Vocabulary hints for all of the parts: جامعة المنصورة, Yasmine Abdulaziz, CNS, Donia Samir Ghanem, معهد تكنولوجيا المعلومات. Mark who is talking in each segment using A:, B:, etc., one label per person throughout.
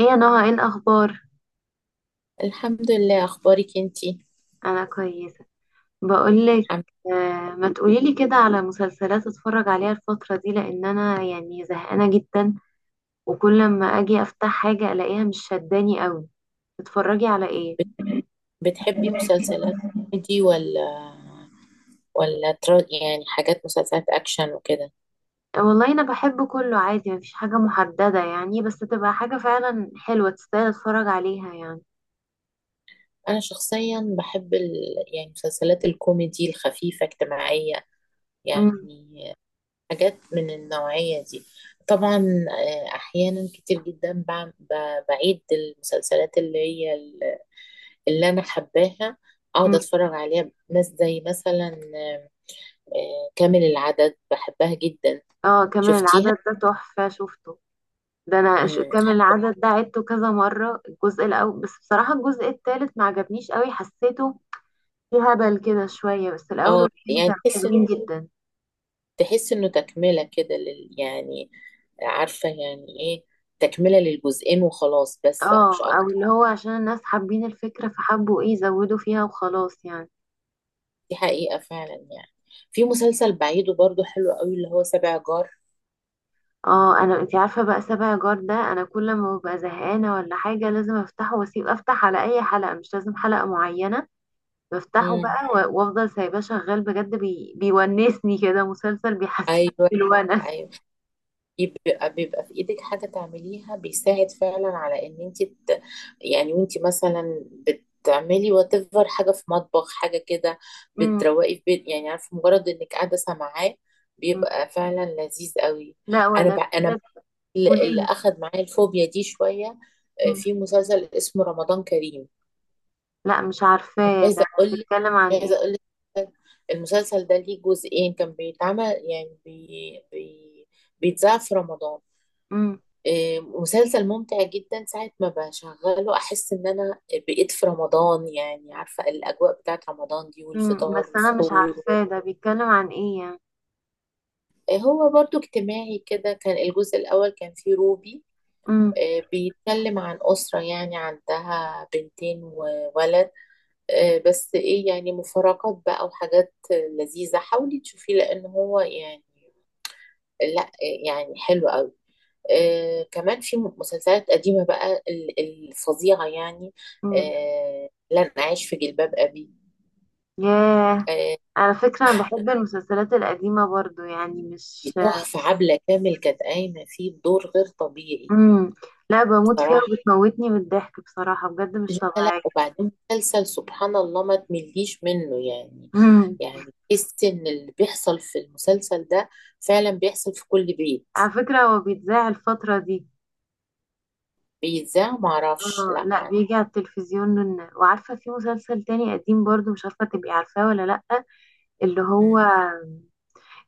A: ايه يا نهى؟ ايه الاخبار؟
B: الحمد لله، اخبارك انتي؟
A: انا كويسه. بقولك،
B: حم-
A: آه ما تقوليلي كده على مسلسلات اتفرج عليها الفتره دي لان انا يعني زهقانه جدا، وكل ما اجي افتح حاجه الاقيها مش شداني قوي. تتفرجي على ايه؟
B: بت- بتحبي مسلسلات كوميدي ولا يعني حاجات مسلسلات اكشن وكده.
A: آه، والله انا بحب كله عادي، مفيش حاجه محدده يعني، بس تبقى حاجه فعلا حلوه تستاهل اتفرج عليها يعني.
B: انا شخصيا بحب يعني مسلسلات الكوميدي الخفيفة اجتماعية،
A: امم.
B: يعني حاجات من النوعية دي طبعا. آه، احيانا كتير جدا بعم- ب- بعيد المسلسلات اللي هي ال- اللي انا حباها اقعد
A: أمم.
B: اتفرج عليها ناس زي مثلا آه، كامل العدد بحبها جدا.
A: اه كامل
B: شفتيها؟
A: العدد ده تحفه، شفته؟ ده انا
B: امم،
A: كامل العدد ده عدته كذا مره الجزء الاول، بس بصراحه الجزء التالت ما عجبنيش قوي، حسيته في هبل كده شوية، بس الأول
B: اه
A: والتاني
B: يعني
A: كانوا
B: تحس،
A: حلوين جدا.
B: تحس انه تكملة كده لل... يعني عارفة يعني ايه، تكملة للجزئين وخلاص، بس
A: اه،
B: مش
A: أو
B: اكتر.
A: اللي هو عشان الناس حابين الفكرة فحبوا ايه يزودوا فيها وخلاص يعني.
B: دي حقيقة فعلا يعني. في مسلسل بعيده برضو حلو قوي، اللي هو سبع جار.
A: اه، انا انتي عارفة بقى سابع جار ده انا كل ما ببقى زهقانة ولا حاجة لازم افتحه، واسيب افتح على اي حلقة مش لازم حلقة معينة، بفتحه
B: امم،
A: بقى وافضل سايباه شغال بجد، بيونسني كده، مسلسل بيحسسني
B: ايوه.
A: بالونس.
B: ايوه، يبقى بيبقى في ايدك حاجة تعمليها، بيساعد فعلا على ان انت يعني وانت مثلا بتعملي whatever، حاجة في مطبخ، حاجة كده،
A: مم.
B: بتروقي في بيت، يعني عارفة، مجرد انك قاعدة سامعاه
A: مم.
B: بيبقى فعلا لذيذ قوي.
A: لا ولا
B: انا
A: بجد.
B: اللي
A: قوليلي.
B: اخد معايا الفوبيا دي شوية.
A: مم.
B: في مسلسل اسمه رمضان كريم.
A: لا مش عارفاه ده،
B: عايزة اقول لك،
A: بيتكلم عن ايه؟
B: عايزة اقول لك، المسلسل ده ليه جزئين، كان بيتعمل يعني بيتذاع في رمضان.
A: مم.
B: مسلسل ممتع جدا، ساعة ما بشغله أحس إن أنا بقيت في رمضان، يعني عارفة الأجواء بتاعت رمضان دي،
A: امم،
B: والفطار
A: بس انا مش
B: والسحور و...
A: عارفاه ده، بيتكلم عن ايه يعني؟
B: هو برضو اجتماعي كده، كان الجزء الأول كان فيه روبي.
A: امم.
B: بيتكلم عن أسرة يعني عندها بنتين وولد. بس إيه، يعني مفارقات بقى وحاجات لذيذة، حاولي تشوفيه لأن هو يعني، لا يعني حلو أوي. آه كمان في مسلسلات قديمة بقى الفظيعة يعني.
A: امم.
B: آه لن أعيش في جلباب أبي.
A: ياه.
B: آه
A: على فكرة انا بحب المسلسلات القديمة برضو، يعني
B: دي
A: مش...
B: تحفة، عبلة كامل كانت قايمة فيه بدور غير طبيعي.
A: امم. لا بموت فيها
B: بصراحة،
A: وبتموتني من الضحك بصراحة، بجد مش
B: لا لا،
A: طبيعية.
B: وبعدين مسلسل سبحان الله ما تمليش منه يعني.
A: امم.
B: يعني تحس إن اللي بيحصل في المسلسل ده فعلا بيحصل في كل بيت.
A: على فكرة هو بيتذاع الفترة دي؟
B: بيتذاع معرفش،
A: اه
B: لا
A: لا،
B: ما.
A: بيجي على التلفزيون. وعارفة في مسلسل تاني قديم برضو، مش عارفة تبقي عارفاه ولا لأ، اللي هو
B: مم.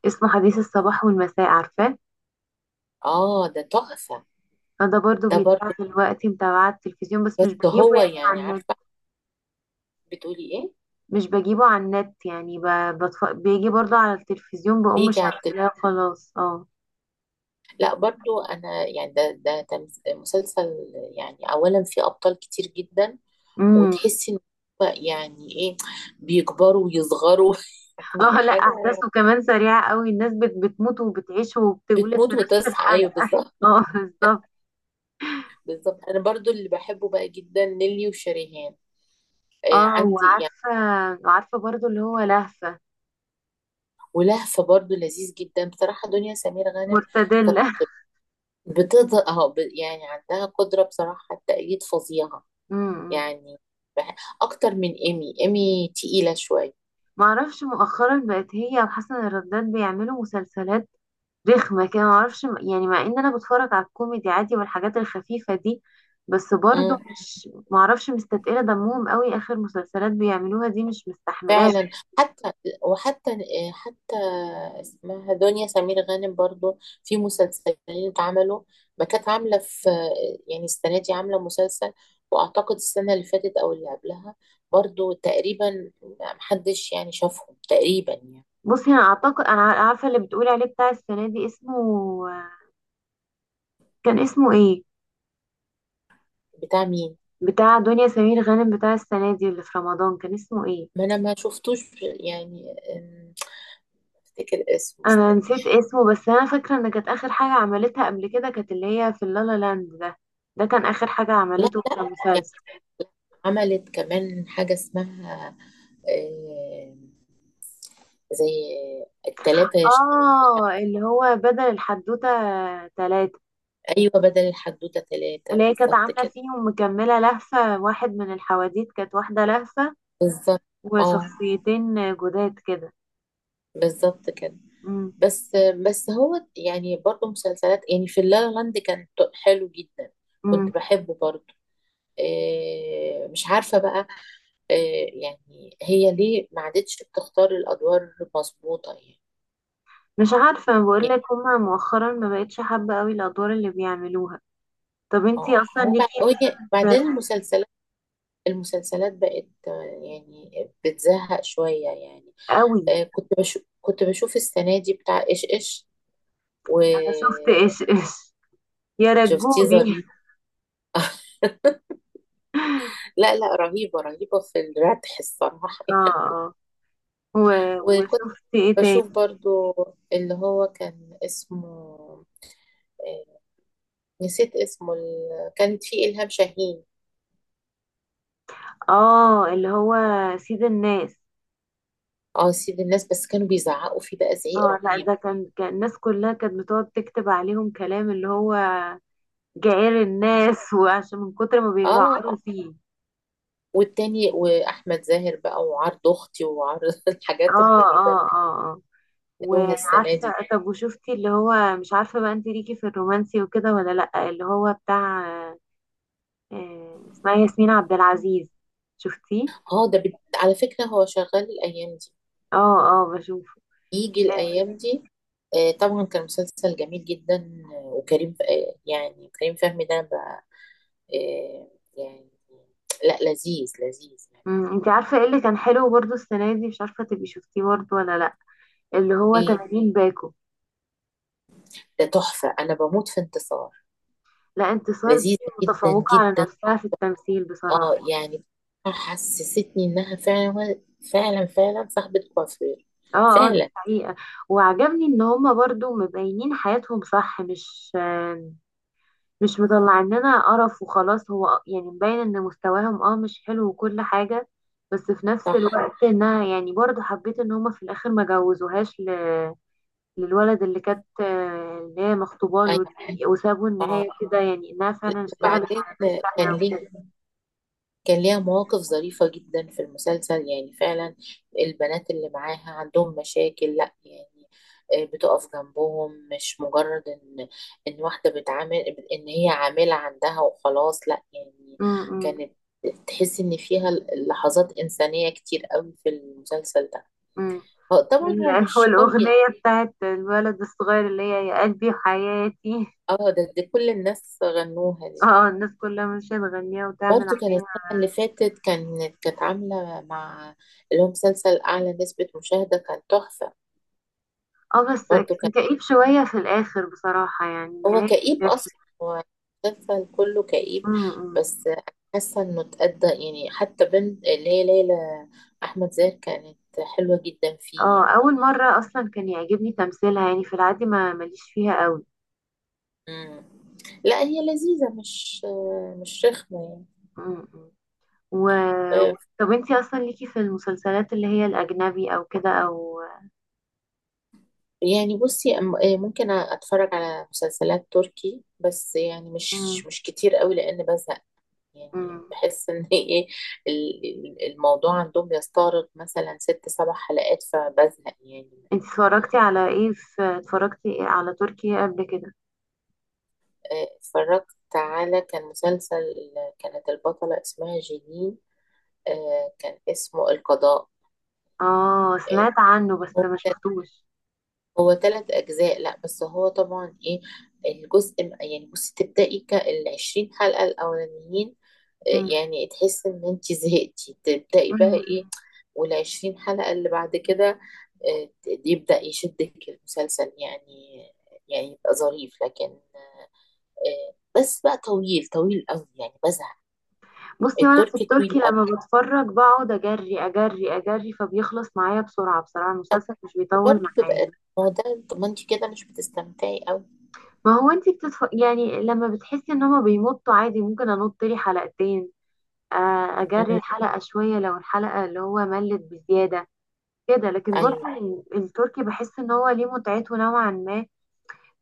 A: اسمه حديث الصباح والمساء، عارفاه؟
B: اه ده تحفة.
A: فده برضو
B: ده
A: بيتذاع
B: برضه،
A: دلوقتي، متابعة التلفزيون بس مش
B: بس
A: بجيبه
B: هو
A: يعني
B: يعني
A: عن...
B: عارفة، بتقولي ايه؟
A: مش بجيبه على النت يعني، بيجي برضو على التلفزيون بقوم
B: بيجي على التلفزيون.
A: شغلاه، خلاص. اه.
B: لا برضو انا يعني، ده ده مسلسل يعني، اولا فيه ابطال كتير جدا،
A: امم.
B: وتحسي ان هو يعني ايه، بيكبروا ويصغروا يعني
A: اه لا،
B: حاجه.
A: احداثه كمان سريعه قوي، الناس بتموت وبتعيش وبتولد في
B: بتموت
A: نفس
B: وتصحى، ايوه
A: الحلقه
B: بالظبط.
A: اه بالظبط.
B: بالظبط انا برضو اللي بحبه بقى جدا نيلي وشريهان. آه
A: اه،
B: عندي يعني.
A: وعارفه برضو اللي هو لهفه
B: ولهفه برضو لذيذ جدا بصراحه. دنيا سمير غانم كانت
A: مرتدله
B: بتقدر، اهو يعني عندها قدره بصراحه، التأييد فظيعه
A: امم.
B: يعني. اكتر من ايمي، ايمي تقيله شويه.
A: ما اعرفش مؤخرا بقت هي وحسن الرداد بيعملوا مسلسلات رخمة كده، معرفش يعني، مع ان انا بتفرج على الكوميدي عادي والحاجات الخفيفة دي، بس برضو مش معرفش، مستتقلة دمهم قوي اخر مسلسلات بيعملوها دي، مش مستحملاه.
B: فعلا. حتى وحتى حتى اسمها دنيا سمير غانم برضو، في مسلسلين اتعملوا، ما كانت عاملة في يعني السنة دي عاملة مسلسل، وأعتقد السنة اللي فاتت أو اللي قبلها برضو تقريبا، محدش يعني شافهم تقريبا يعني.
A: بصي انا اعتقد انا عارفة اللي بتقولي عليه بتاع السنة دي اسمه... كان اسمه ايه؟
B: بتاع مين؟
A: بتاع دنيا سمير غانم بتاع السنة دي اللي في رمضان كان اسمه ايه؟
B: ما أنا ما شفتوش يعني. أفتكر اسمه،
A: انا
B: استني.
A: نسيت اسمه، بس انا فاكرة ان كانت اخر حاجة عملتها قبل كده كانت اللي هي في اللالا لاند ده، ده كان اخر حاجة
B: لا
A: عملته
B: لا،
A: كمسلسل.
B: عملت كمان حاجة اسمها آه، زي التلاتة
A: اه اللي هو بدل الحدوتة تلاتة.
B: أيوة، بدل الحدوتة تلاتة
A: اللي هي كانت
B: بالظبط
A: عاملة
B: كده.
A: فيهم مكملة لهفة، واحد من الحواديت كانت واحدة لهفة،
B: بالظبط. اه
A: وشخصيتين جداد كده.
B: بالظبط كده.
A: مم.
B: بس هو يعني برضه مسلسلات يعني، في اللا لا لاند كان حلو جدا،
A: مم.
B: كنت بحبه برضه. مش عارفة بقى. آه، يعني هي ليه ما عادتش بتختار الأدوار مظبوطة يعني.
A: مش عارفة
B: يعني،
A: بقولك هما مؤخرا ما بقتش حابة قوي الأدوار اللي بيعملوها. طب انتي
B: اه
A: أصلا
B: هو
A: ليكي مثلا
B: بعدين
A: في-
B: المسلسلات، المسلسلات بقت يعني بتزهق شوية يعني.
A: قوي.
B: كنت بشوف، كنت بشوف السنة دي بتاع إيش إيش،
A: أنا شفت
B: وشفتيه؟
A: إيش إيش، يا رجوبي
B: ظريف. لا لا رهيبة، رهيبة في الردح الصراحة
A: اه اه. و...
B: وكنت
A: وشفت ايه تاني؟
B: بشوف برضو اللي هو كان اسمه آه، نسيت اسمه، كانت فيه إلهام شاهين.
A: اه اللي هو سيد الناس.
B: اه سيد الناس، بس كانوا بيزعقوا فيه بقى زعيق
A: اه لا
B: رهيب.
A: ده كان الناس كلها كانت بتقعد تكتب عليهم كلام اللي هو جعير الناس وعشان من كتر ما
B: اه
A: بيجعروا فيه.
B: والتاني واحمد زاهر بقى، وعرض اختي وعرض الحاجات
A: اه
B: الغريبه.
A: اه اه اه.
B: عملوها السنة دي.
A: وعارفة، طب وشفتي اللي هو مش عارفة بقى انت ليكي في الرومانسي وكده ولا لأ، اللي هو بتاع آه، اسمها ياسمين عبد العزيز، شفتيه؟
B: اه ده على فكرة هو شغال الأيام دي،
A: اه اه بشوفه.
B: يجي
A: آه.
B: الأيام دي. طبعا كان مسلسل جميل جدا. وكريم آه يعني كريم فهمي ده بقى. آه يعني، لا لذيذ لذيذ يعني.
A: أمم، انت عارفة ايه اللي كان حلو برضو السنة دي مش عارفة تبقي شفتيه برضو ولا لأ؟ اللي هو
B: ايه؟
A: 80 باكو.
B: ده تحفة، أنا بموت في انتصار،
A: لا انتصار دي
B: لذيذة جدا
A: متفوقة على
B: جدا.
A: نفسها في التمثيل بصراحة.
B: اه يعني، حسستني إنها فعلا، فعلا فعلا صاحبة كوافير.
A: اه اه دي
B: فعلا.
A: حقيقة. وعجبني ان هما برضو مبينين حياتهم صح، مش مطلعين لنا قرف وخلاص، هو يعني مبين ان مستواهم اه مش حلو وكل حاجة، بس في نفس
B: صح.
A: الوقت انها يعني برضو حبيت ان هما في الاخر ما جوزوهاش ل... للولد اللي كانت اللي هي مخطوبة
B: أيوة،
A: له دي، وسابوا
B: اه،
A: النهاية كده يعني انها
B: لا
A: فعلا اشتغلت
B: وبعدين
A: على
B: كان
A: نفسها.
B: ليه، كان ليها مواقف ظريفة جدا في المسلسل، يعني فعلا البنات اللي معاها عندهم مشاكل، لا يعني بتقف جنبهم، مش مجرد ان، ان واحدة بتعامل، ان هي عاملة عندها وخلاص، لا يعني
A: م- م-
B: كانت، تحس ان فيها لحظات انسانية كتير قوي في المسلسل ده.
A: م.
B: طبعا هو مش قوي.
A: والأغنية بتاعت الولد الصغير اللي هي يا قلبي وحياتي.
B: اه ده, ده كل الناس غنوها دي.
A: اه الناس كلها ماشية تغنيها وتعمل
B: برضو كان
A: عليها.
B: السنة اللي فاتت، كانت عاملة مع اللي هو مسلسل أعلى نسبة مشاهدة، كان تحفة.
A: اه بس
B: برضه
A: كان
B: كان،
A: كئيب شوية في الآخر بصراحة، يعني
B: هو
A: النهاية كانت
B: كئيب
A: وحشة.
B: أصلا، هو المسلسل كله كئيب.
A: أمم. أمم.
B: بس أنا حاسة إنه اتأدى يعني. حتى بنت اللي هي ليلى، أحمد زاهر كانت حلوة جدا فيه
A: اه
B: يعني.
A: أول مرة أصلا كان يعجبني تمثيلها يعني، في العادي ما ماليش فيها قوي.
B: مم. لا هي لذيذة، مش رخمة.
A: أمم. أمم. و...
B: يعني.
A: طب انتي أصلا ليكي في المسلسلات اللي هي الأجنبي أو كده أو...
B: يعني بصي ممكن أتفرج على مسلسلات تركي، بس يعني مش
A: أمم.
B: مش كتير قوي لأن بزهق. يعني
A: أمم.
B: بحس إن إيه الموضوع عندهم بيستغرق مثلا 6 7 حلقات، فبزهق يعني.
A: انتي اتفرجتي على ايه في... اتفرجتي على تركي قبل كده؟
B: اتفرجت على كان مسلسل، كانت البطلة اسمها جيلين. كان اسمه القضاء.
A: اه
B: آه،
A: سمعت عنه بس
B: هو،
A: ما شفتوش.
B: هو 3 أجزاء، لا بس هو طبعا إيه، الجزء، يعني بصي تبدأي 20 حلقة الأولانيين،
A: مم.
B: يعني تحس إن أنت زهقتي، تبدأي بقى
A: مم.
B: إيه، و20 حلقة اللي بعد كده آه، يبدأ يشدك المسلسل يعني، يعني يبقى ظريف لكن بس بقى طويل طويل قوي يعني بزهق.
A: بصي وانا في
B: التركي طويل
A: التركي
B: قوي،
A: لما بتفرج بقعد اجري اجري اجري فبيخلص معايا بسرعة، بصراحة المسلسل مش بيطول
B: برضه
A: معايا.
B: بيبقى، هو ده. طب ما انت كده مش بتستمتعي قوي.
A: ما هو انتي يعني لما بتحسي ان هما بيمطوا عادي ممكن انط لي حلقتين، آه، اجري
B: امم،
A: الحلقة شوية لو الحلقة اللي هو ملت بزيادة، كده لكن برضه
B: ايوه.
A: التركي بحس ان هو ليه متعته نوعا ما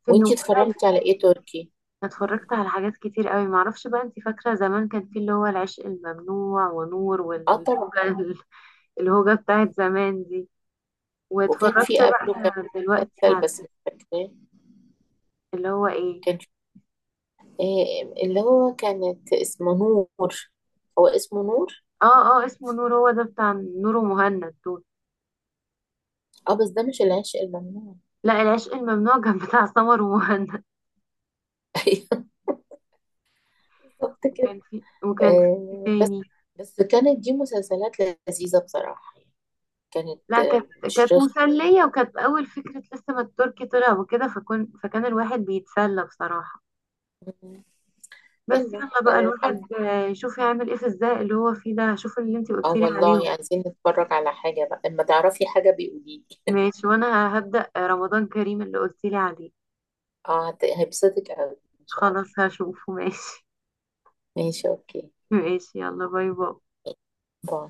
A: في انه
B: وانت
A: مسلي.
B: اتفرجتي على ايه تركي؟
A: اتفرجت على حاجات كتير قوي، معرفش بقى انت فاكرة زمان كان في اللي هو العشق الممنوع ونور
B: اه طبعا،
A: والهوجة، الهوجة بتاعت زمان دي،
B: وكان في
A: واتفرجت
B: قبله كان
A: بقى دلوقتي
B: مسلسل
A: على
B: بس مش فاكراه،
A: اللي هو ايه...
B: كان في إيه، اللي هو كانت اسمه نور، هو اسمه نور.
A: اه اه اسمه نور، هو ده بتاع نور ومهند دول.
B: اه بس ده مش العشق الممنوع.
A: لا العشق الممنوع كان بتاع سمر ومهند.
B: ايوه بالظبط كده.
A: وكان في إيه
B: بس،
A: تاني؟
B: بس كانت دي مسلسلات لذيذة بصراحة، كانت
A: لا كانت،
B: مش
A: كانت
B: رخمة.
A: مسلية وكانت أول فكرة لسه ما التركي طلع وكده، فكان الواحد بيتسلى بصراحة، بس
B: يلا
A: يلا بقى
B: الحمد.
A: الواحد آه، يشوف يعمل ايه في الزهق اللي هو فيه ده، شوف اللي انتي
B: اه
A: قلتيلي عليهم.
B: والله، عايزين نتفرج على حاجة بقى، لما تعرفي حاجة بيقوليلي.
A: ماشي، وانا هبدأ رمضان كريم اللي قلتيلي عليه،
B: اه هيبسطك اوي ان شاء الله.
A: خلاص هشوفه. ماشي.
B: ماشي، اوكي.
A: ماشي يلا، باي باي.
B: باي.